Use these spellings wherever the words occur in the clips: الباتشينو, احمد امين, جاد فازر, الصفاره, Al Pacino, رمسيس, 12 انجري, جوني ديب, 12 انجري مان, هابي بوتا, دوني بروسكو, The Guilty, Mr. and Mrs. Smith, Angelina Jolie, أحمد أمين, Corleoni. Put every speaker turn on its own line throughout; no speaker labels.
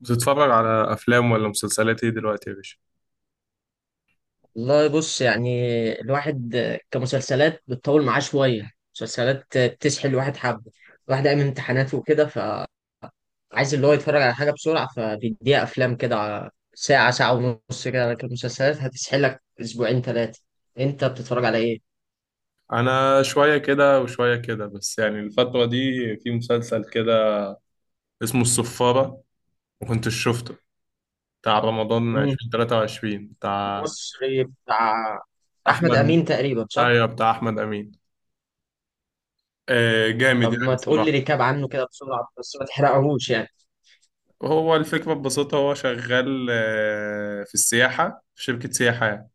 بتتفرج على افلام ولا مسلسلات ايه دلوقتي يا باشا؟
والله، بص يعني، الواحد، كمسلسلات بتطول معاه شوية، مسلسلات بتسحل الواحد حبة، الواحد قايم من امتحاناته وكده فعايز اللي هو يتفرج على حاجة بسرعة، فبيديها أفلام كده على ساعة، ساعة ونص كده، لكن المسلسلات هتسحلك أسبوعين ثلاثة. أنت بتتفرج على إيه؟
انا شويه كده وشويه كده، بس يعني الفتره دي في مسلسل كده اسمه الصفاره، وكنت شفته، بتاع رمضان
مم.
2023، بتاع
مصري بتاع، بتاع أحمد أمين
احمد.
تقريبا، صح؟
ايوه، بتاع احمد امين. جامد
طب
يعني
ما تقول لي
الصراحه.
ريكاب عنه كده بسرعة، بس ما تحرقهوش يعني.
هو الفكره ببساطه، هو شغال في السياحه، في شركه سياحه يعني.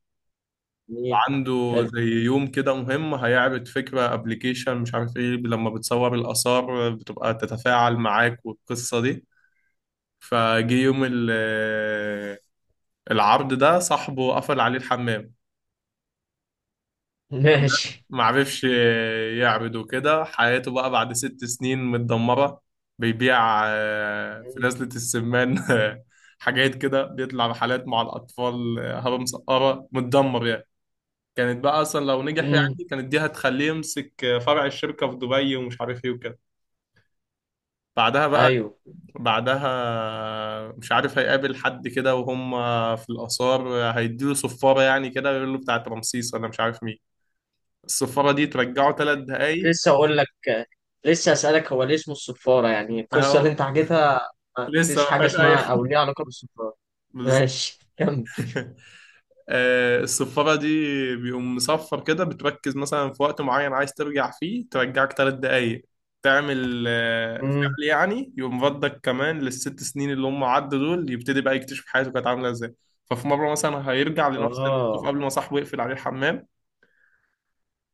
إيه؟
عنده
حلو.
زي يوم كده مهم هيعرض فكرة ابلكيشن مش عارف ايه، لما بتصور الآثار بتبقى تتفاعل معاك والقصة دي. فجه يوم العرض ده صاحبه قفل عليه الحمام.
ماشي.
ما عرفش يعبد وكده، حياته بقى بعد 6 سنين متدمرة. بيبيع في نزلة السمان حاجات كده، بيطلع رحلات مع الأطفال هبة مسقرة، متدمر يعني. كانت بقى أصلا لو نجح،
مم.
يعني كانت دي هتخليه يمسك فرع الشركة في دبي ومش عارف إيه وكده. بعدها بقى،
ايوه.
بعدها مش عارف هيقابل حد كده، وهم في الآثار هيديله صفارة يعني كده، ويقول له بتاعت رمسيس ولا مش عارف مين. الصفارة دي ترجعه 3 دقايق.
لسه اقول لك، لسه اسالك هو ليه اسمه الصفاره، يعني القصه اللي
فهو
انت حكيتها ما
لسه
فيش
ما
حاجه
فيهاش أي
اسمها او
حاجة.
ليها علاقه بالصفاره. ماشي، كمل.
الصفارة دي بيقوم مصفر كده، بتركز مثلا في وقت معين عايز ترجع فيه، ترجعك 3 دقايق. تعمل
امم.
فعل، يعني يقوم ردك كمان للست سنين اللي هم عدوا دول، يبتدي بقى يكتشف حياته كانت عاملة ازاي. ففي مرة مثلا هيرجع لنفس الموقف
اه.
قبل ما صاحبه يقفل عليه الحمام.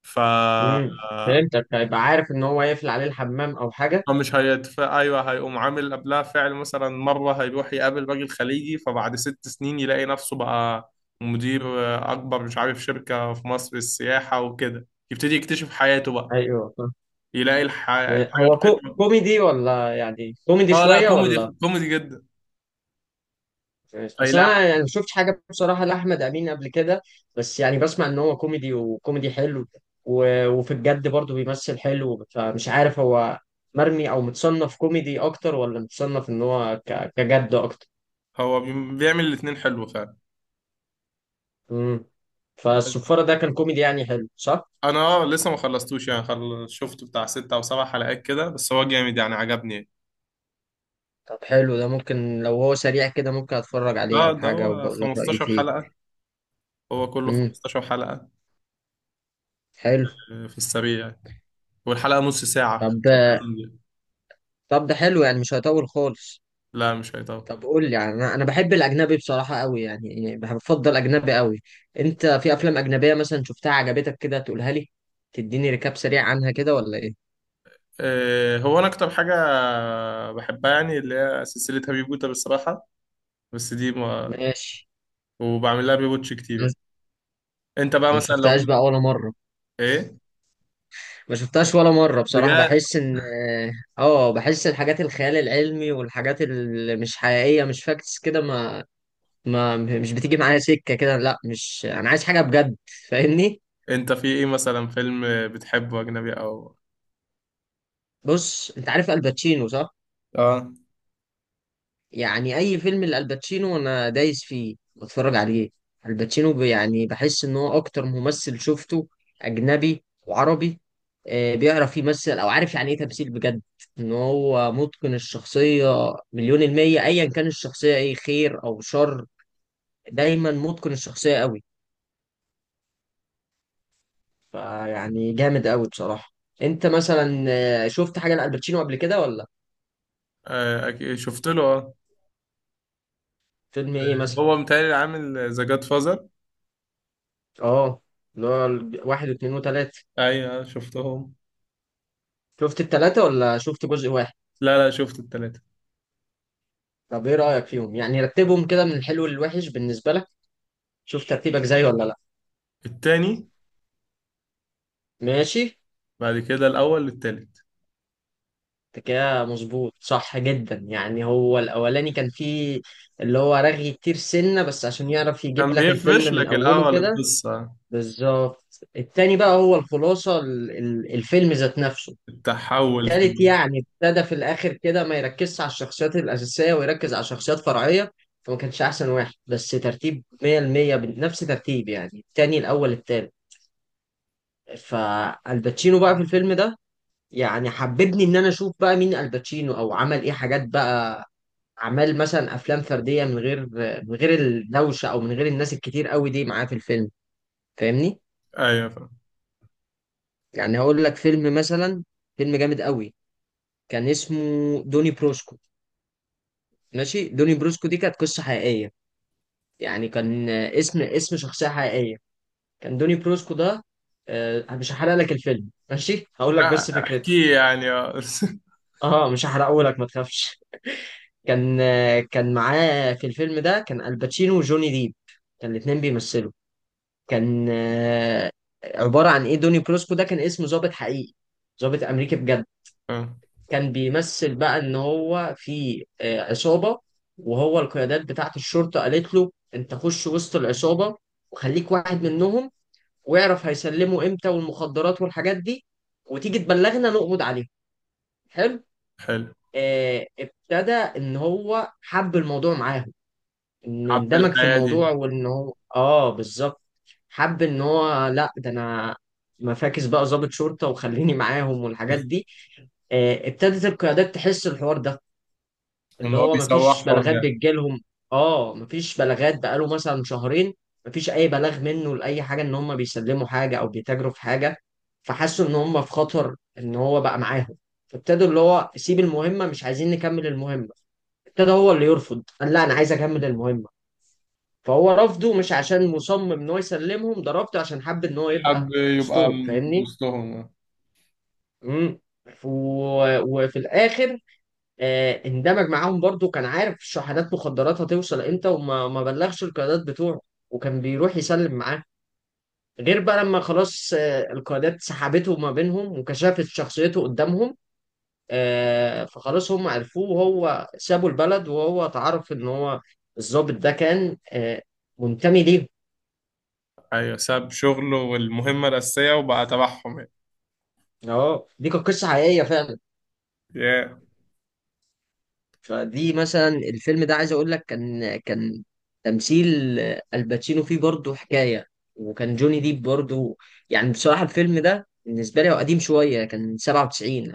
ف
امم. فهمتك، هيبقى عارف ان هو يقفل عليه الحمام او حاجه.
هو مش هيتفق، ايوه، هيقوم عامل قبلها فعل. مثلا مره هيروح يقابل راجل خليجي، فبعد 6 سنين يلاقي نفسه بقى مدير اكبر، مش عارف شركه في مصر للسياحه وكده، يبتدي يكتشف حياته بقى.
ايوه، فاهم.
يلاقي الحاجه
هو
بتكبر.
كوميدي ولا يعني كوميدي
اه لا،
شويه
كوميدي،
ولا؟
كوميدي جدا.
ماشي. اصل
فيلاقي.
انا يعني ما شفتش حاجه بصراحه لاحمد امين قبل كده، بس يعني بسمع ان هو كوميدي وكوميدي حلو، وفي الجد برضه بيمثل حلو، فمش عارف هو مرمي او متصنف كوميدي اكتر ولا متصنف ان هو كجد اكتر.
هو بيعمل الاتنين حلو فعلا.
امم. فالصفاره ده كان كوميدي يعني حلو صح؟
انا لسه ما خلصتوش يعني، شفت بتاع 6 او 7 حلقات كده، بس هو جامد يعني، عجبني.
طب حلو، ده ممكن لو هو سريع كده ممكن اتفرج عليه
اه
او
ده
حاجه
هو
وبقول لك رايي
15
فيه.
حلقه، هو كله
امم.
15 حلقه.
حلو.
في السريع يعني. والحلقة نص ساعة،
طب،
35 دقيقة.
طب ده حلو يعني مش هيطول خالص.
لا مش هي طبعا.
طب قول لي يعني، أنا بحب الاجنبي بصراحه قوي، يعني يعني بفضل اجنبي قوي. انت في افلام اجنبيه مثلا شفتها عجبتك كده تقولها لي، تديني ريكاب سريع عنها كده ولا ايه؟
هو أنا أكتر حاجة بحبها يعني اللي هي سلسلة هابي بوتا بالصراحة. بس دي ما.
ماشي.
وبعمل لها ريواتش كتير
انا
يعني. أنت بقى
أنا ما
مثلا لو
شفتهاش بقى
في.
ولا مره.
إيه؟
ما شفتهاش ولا مره بصراحه،
بجد.
بحس ان، اه، بحس الحاجات الخيال العلمي والحاجات اللي مش حقيقيه مش فاكتس كده، ما مش بتيجي معايا سكه كده، لا، مش انا عايز حاجه بجد، فاهمني.
أنت في إيه مثلا، فيلم بتحبه أجنبي أو؟
بص، انت عارف الباتشينو صح؟
اه.
يعني اي فيلم لالباتشينو انا دايس فيه بتفرج عليه. الباتشينو يعني بحس ان هو اكتر ممثل شفته، اجنبي وعربي، بيعرف يمثل او عارف يعني ايه تمثيل بجد، ان هو متقن الشخصية مليون المية ايا كان الشخصية ايه خير او شر، دايما متقن الشخصية قوي، فيعني جامد قوي بصراحة. انت مثلا شفت حاجة لالباتشينو قبل كده ولا؟
أكيد شفت له، أه.
فيلم ايه مثلا؟
هو متهيألي عامل ذا جاد فازر.
اه. اللي هو واحد واثنين وثلاثة؟
أيوه شفتهم.
شفت التلاتة ولا شفت جزء واحد؟
لا لا، شفت التلاتة.
طب ايه رأيك فيهم، يعني رتبهم كده من الحلو للوحش بالنسبة لك، شوف ترتيبك زي ولا لا.
التاني.
ماشي.
بعد كده الأول، التالت.
انت كده مظبوط، صح جدا، يعني هو الاولاني كان فيه اللي هو رغي كتير سنة بس عشان يعرف يجيب
كان
لك
بيفرش
الفيلم من
لك
اوله
الأول
كده.
القصة.
بالظبط. التاني بقى هو الخلاصة، الفيلم ذات نفسه.
التحول في
التالت يعني ابتدى في الاخر كده ما يركزش على الشخصيات الاساسية ويركز على شخصيات فرعية، فما كانش احسن واحد، بس ترتيب 100% بنفس ترتيب يعني التاني الاول التالت. فالباتشينو بقى في الفيلم ده يعني حببني ان انا اشوف بقى مين الباتشينو او عمل ايه حاجات بقى، عمل مثلا افلام فرديه من غير، من غير الدوشه او من غير الناس الكتير قوي دي معاه في الفيلم، فاهمني.
ايوه فاهم.
يعني هقول لك فيلم مثلا، فيلم جامد قوي، كان اسمه دوني بروسكو. ماشي، دوني بروسكو دي كانت قصه حقيقيه، يعني كان اسم شخصيه حقيقيه، كان دوني بروسكو ده، مش هحرق لك الفيلم، ماشي، هقول لك بس
لا
فكرته.
احكيه يعني، اه.
اه مش هحرقه لك ما تخافش. كان كان معاه في الفيلم ده كان الباتشينو وجوني ديب، كان الاتنين بيمثلوا. كان عبارة عن ايه، دوني بروسكو ده كان اسمه ضابط حقيقي، ضابط امريكي بجد،
آه،
كان بيمثل بقى ان هو في عصابة، وهو القيادات بتاعت الشرطة قالت له انت خش وسط العصابة وخليك واحد منهم، واعرف هيسلموا امتى والمخدرات والحاجات دي وتيجي تبلغنا نقبض عليهم. حلو.
حلو.
ابتدى ان هو حب الموضوع معاهم، ان
حب
اندمج في
الحياة دي.
الموضوع، وان هو اه بالظبط حب ان هو لا ده انا مفاكس بقى، ضابط شرطه وخليني معاهم والحاجات دي. ابتدت القيادات تحس الحوار ده
ان
اللي
هو
هو مفيش
بيسوحهم
بلاغات
يعني.
بتجيلهم، اه مفيش بلاغات بقاله مثلا شهرين، مفيش اي بلاغ منه لاي حاجه ان هم بيسلموا حاجه او بيتاجروا في حاجه، فحسوا ان هم في خطر ان هو بقى معاهم. فابتدوا اللي هو سيب المهمه، مش عايزين نكمل المهمه. ابتدى هو اللي يرفض، قال لا انا عايز اكمل المهمه، فهو رفضه مش عشان مصمم ان هو يسلمهم، ده رفضه عشان حب ان هو يبقى
حب يبقى
وسطهم،
من
فاهمني.
وسطهم، آه.
امم. وفي الاخر اندمج معاهم برضو، كان عارف شحنات مخدرات هتوصل امتى وما ما بلغش القيادات بتوعه، وكان بيروح يسلم معاه، غير بقى لما خلاص القيادات سحبته ما بينهم، وكشفت شخصيته قدامهم، فخلاص هم عرفوه، وهو سابوا البلد، وهو تعرف ان هو الضابط ده كان منتمي ليهم.
ايوه، ساب شغله والمهمة الأساسية وبقى تبعهم يعني.
اه دي كانت قصة حقيقية فعلا.
Yeah.
فدي مثلا الفيلم ده عايز اقول لك، كان تمثيل الباتشينو فيه برضه حكايه، وكان جوني ديب برضه، يعني بصراحه الفيلم ده بالنسبه لي هو قديم شويه، كان 97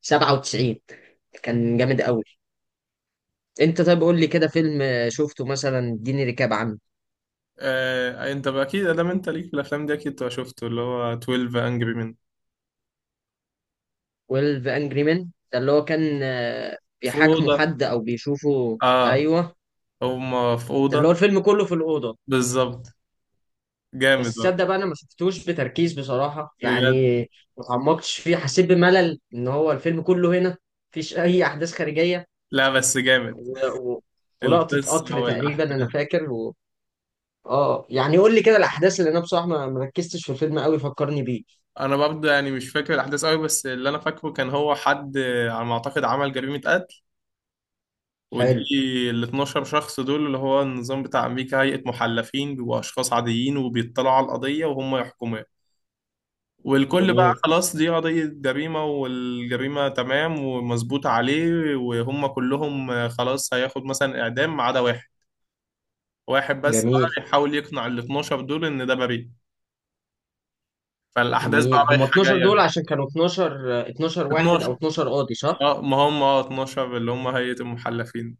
1997، كان جامد قوي. انت طيب قول لي كده فيلم شفته مثلا اديني ريكاب عنه.
انت بقى اكيد، ادام انت ليك في الافلام دي اكيد تبقى شفته، اللي هو 12 انجري من.
12 انجري مان ده اللي هو كان
في
بيحاكموا
اوضه.
حد او بيشوفوا،
اه.
ايوه.
هما في
ده اللي هو
اوضه.
الفيلم كله في الاوضه،
بالظبط. جامد
بس
بقى.
تصدق بقى انا ما شفتوش بتركيز بصراحه
بجد.
يعني، ما اتعمقتش فيه، حسيت بملل ان هو الفيلم كله هنا، مفيش اي احداث خارجيه،
لا بس جامد.
و... و... ولقطه
القصه
قطر تقريبا
والاحداث.
انا فاكر اه. يعني قول لي كده الاحداث، اللي انا بصراحه ما ركزتش في الفيلم قوي، فكرني بيه.
انا برضه يعني مش فاكر الاحداث قوي، بس اللي انا فاكره، كان هو حد، على ما اعتقد، عمل جريمه قتل. ودي،
حلو.
ال 12 شخص دول، اللي هو النظام بتاع امريكا هيئه محلفين، بيبقوا اشخاص عاديين وبيطلعوا على القضيه وهم يحكموها. والكل بقى
جميل.
خلاص دي قضيه جريمه والجريمه تمام ومظبوط عليه، وهم كلهم خلاص هياخد مثلا اعدام، ما عدا واحد. واحد بس
جميل.
بقى بيحاول يقنع ال 12 دول ان ده بريء. فالاحداث بقى
جميل. هم
رايحه
12
جايه.
دول عشان كانوا 12 واحد او
12.
12 قاضي صح؟
اه، ما هم اه 12، اللي هم هيئه المحلفين.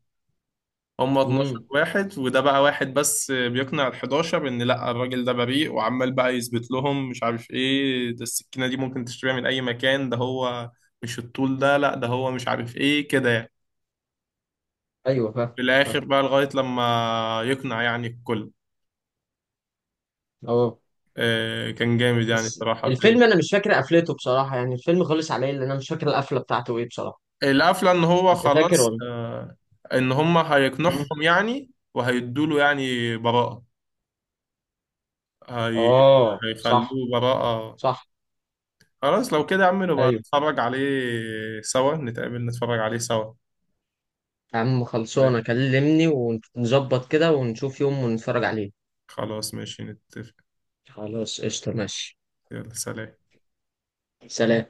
هم 12
امم.
واحد، وده بقى واحد بس بيقنع ال 11 ان لا، الراجل ده بريء. وعمال بقى يثبت لهم، مش عارف ايه، ده السكينة دي ممكن تشتريها من اي مكان، ده هو مش الطول ده، لا ده هو مش عارف ايه كده يعني.
ايوه فاهم.
في
صح.
الاخر بقى، لغاية لما يقنع يعني الكل.
اه.
كان جامد يعني
بس
الصراحة، فيلم.
الفيلم انا مش فاكر قفلته بصراحه يعني، الفيلم خلص عليا لان انا مش فاكر القفله بتاعته ايه بصراحه.
القفلة، ان هو
انت فاكر
خلاص
ولا؟
ان هم
مم.
هيقنعهم يعني، وهيدوله يعني براءة. هي...
اه
هيخلوه
صح.
براءة.
صح.
خلاص لو كده يا عم، نبقى
ايوه.
نتفرج عليه سوا، نتقابل نتفرج عليه سوا.
يا عم، خلصانه، كلمني ونظبط كده ونشوف يوم ونتفرج عليه.
خلاص ماشي، نتفق.
خلاص، قشطه، ماشي.
يلا سلام.
سلام.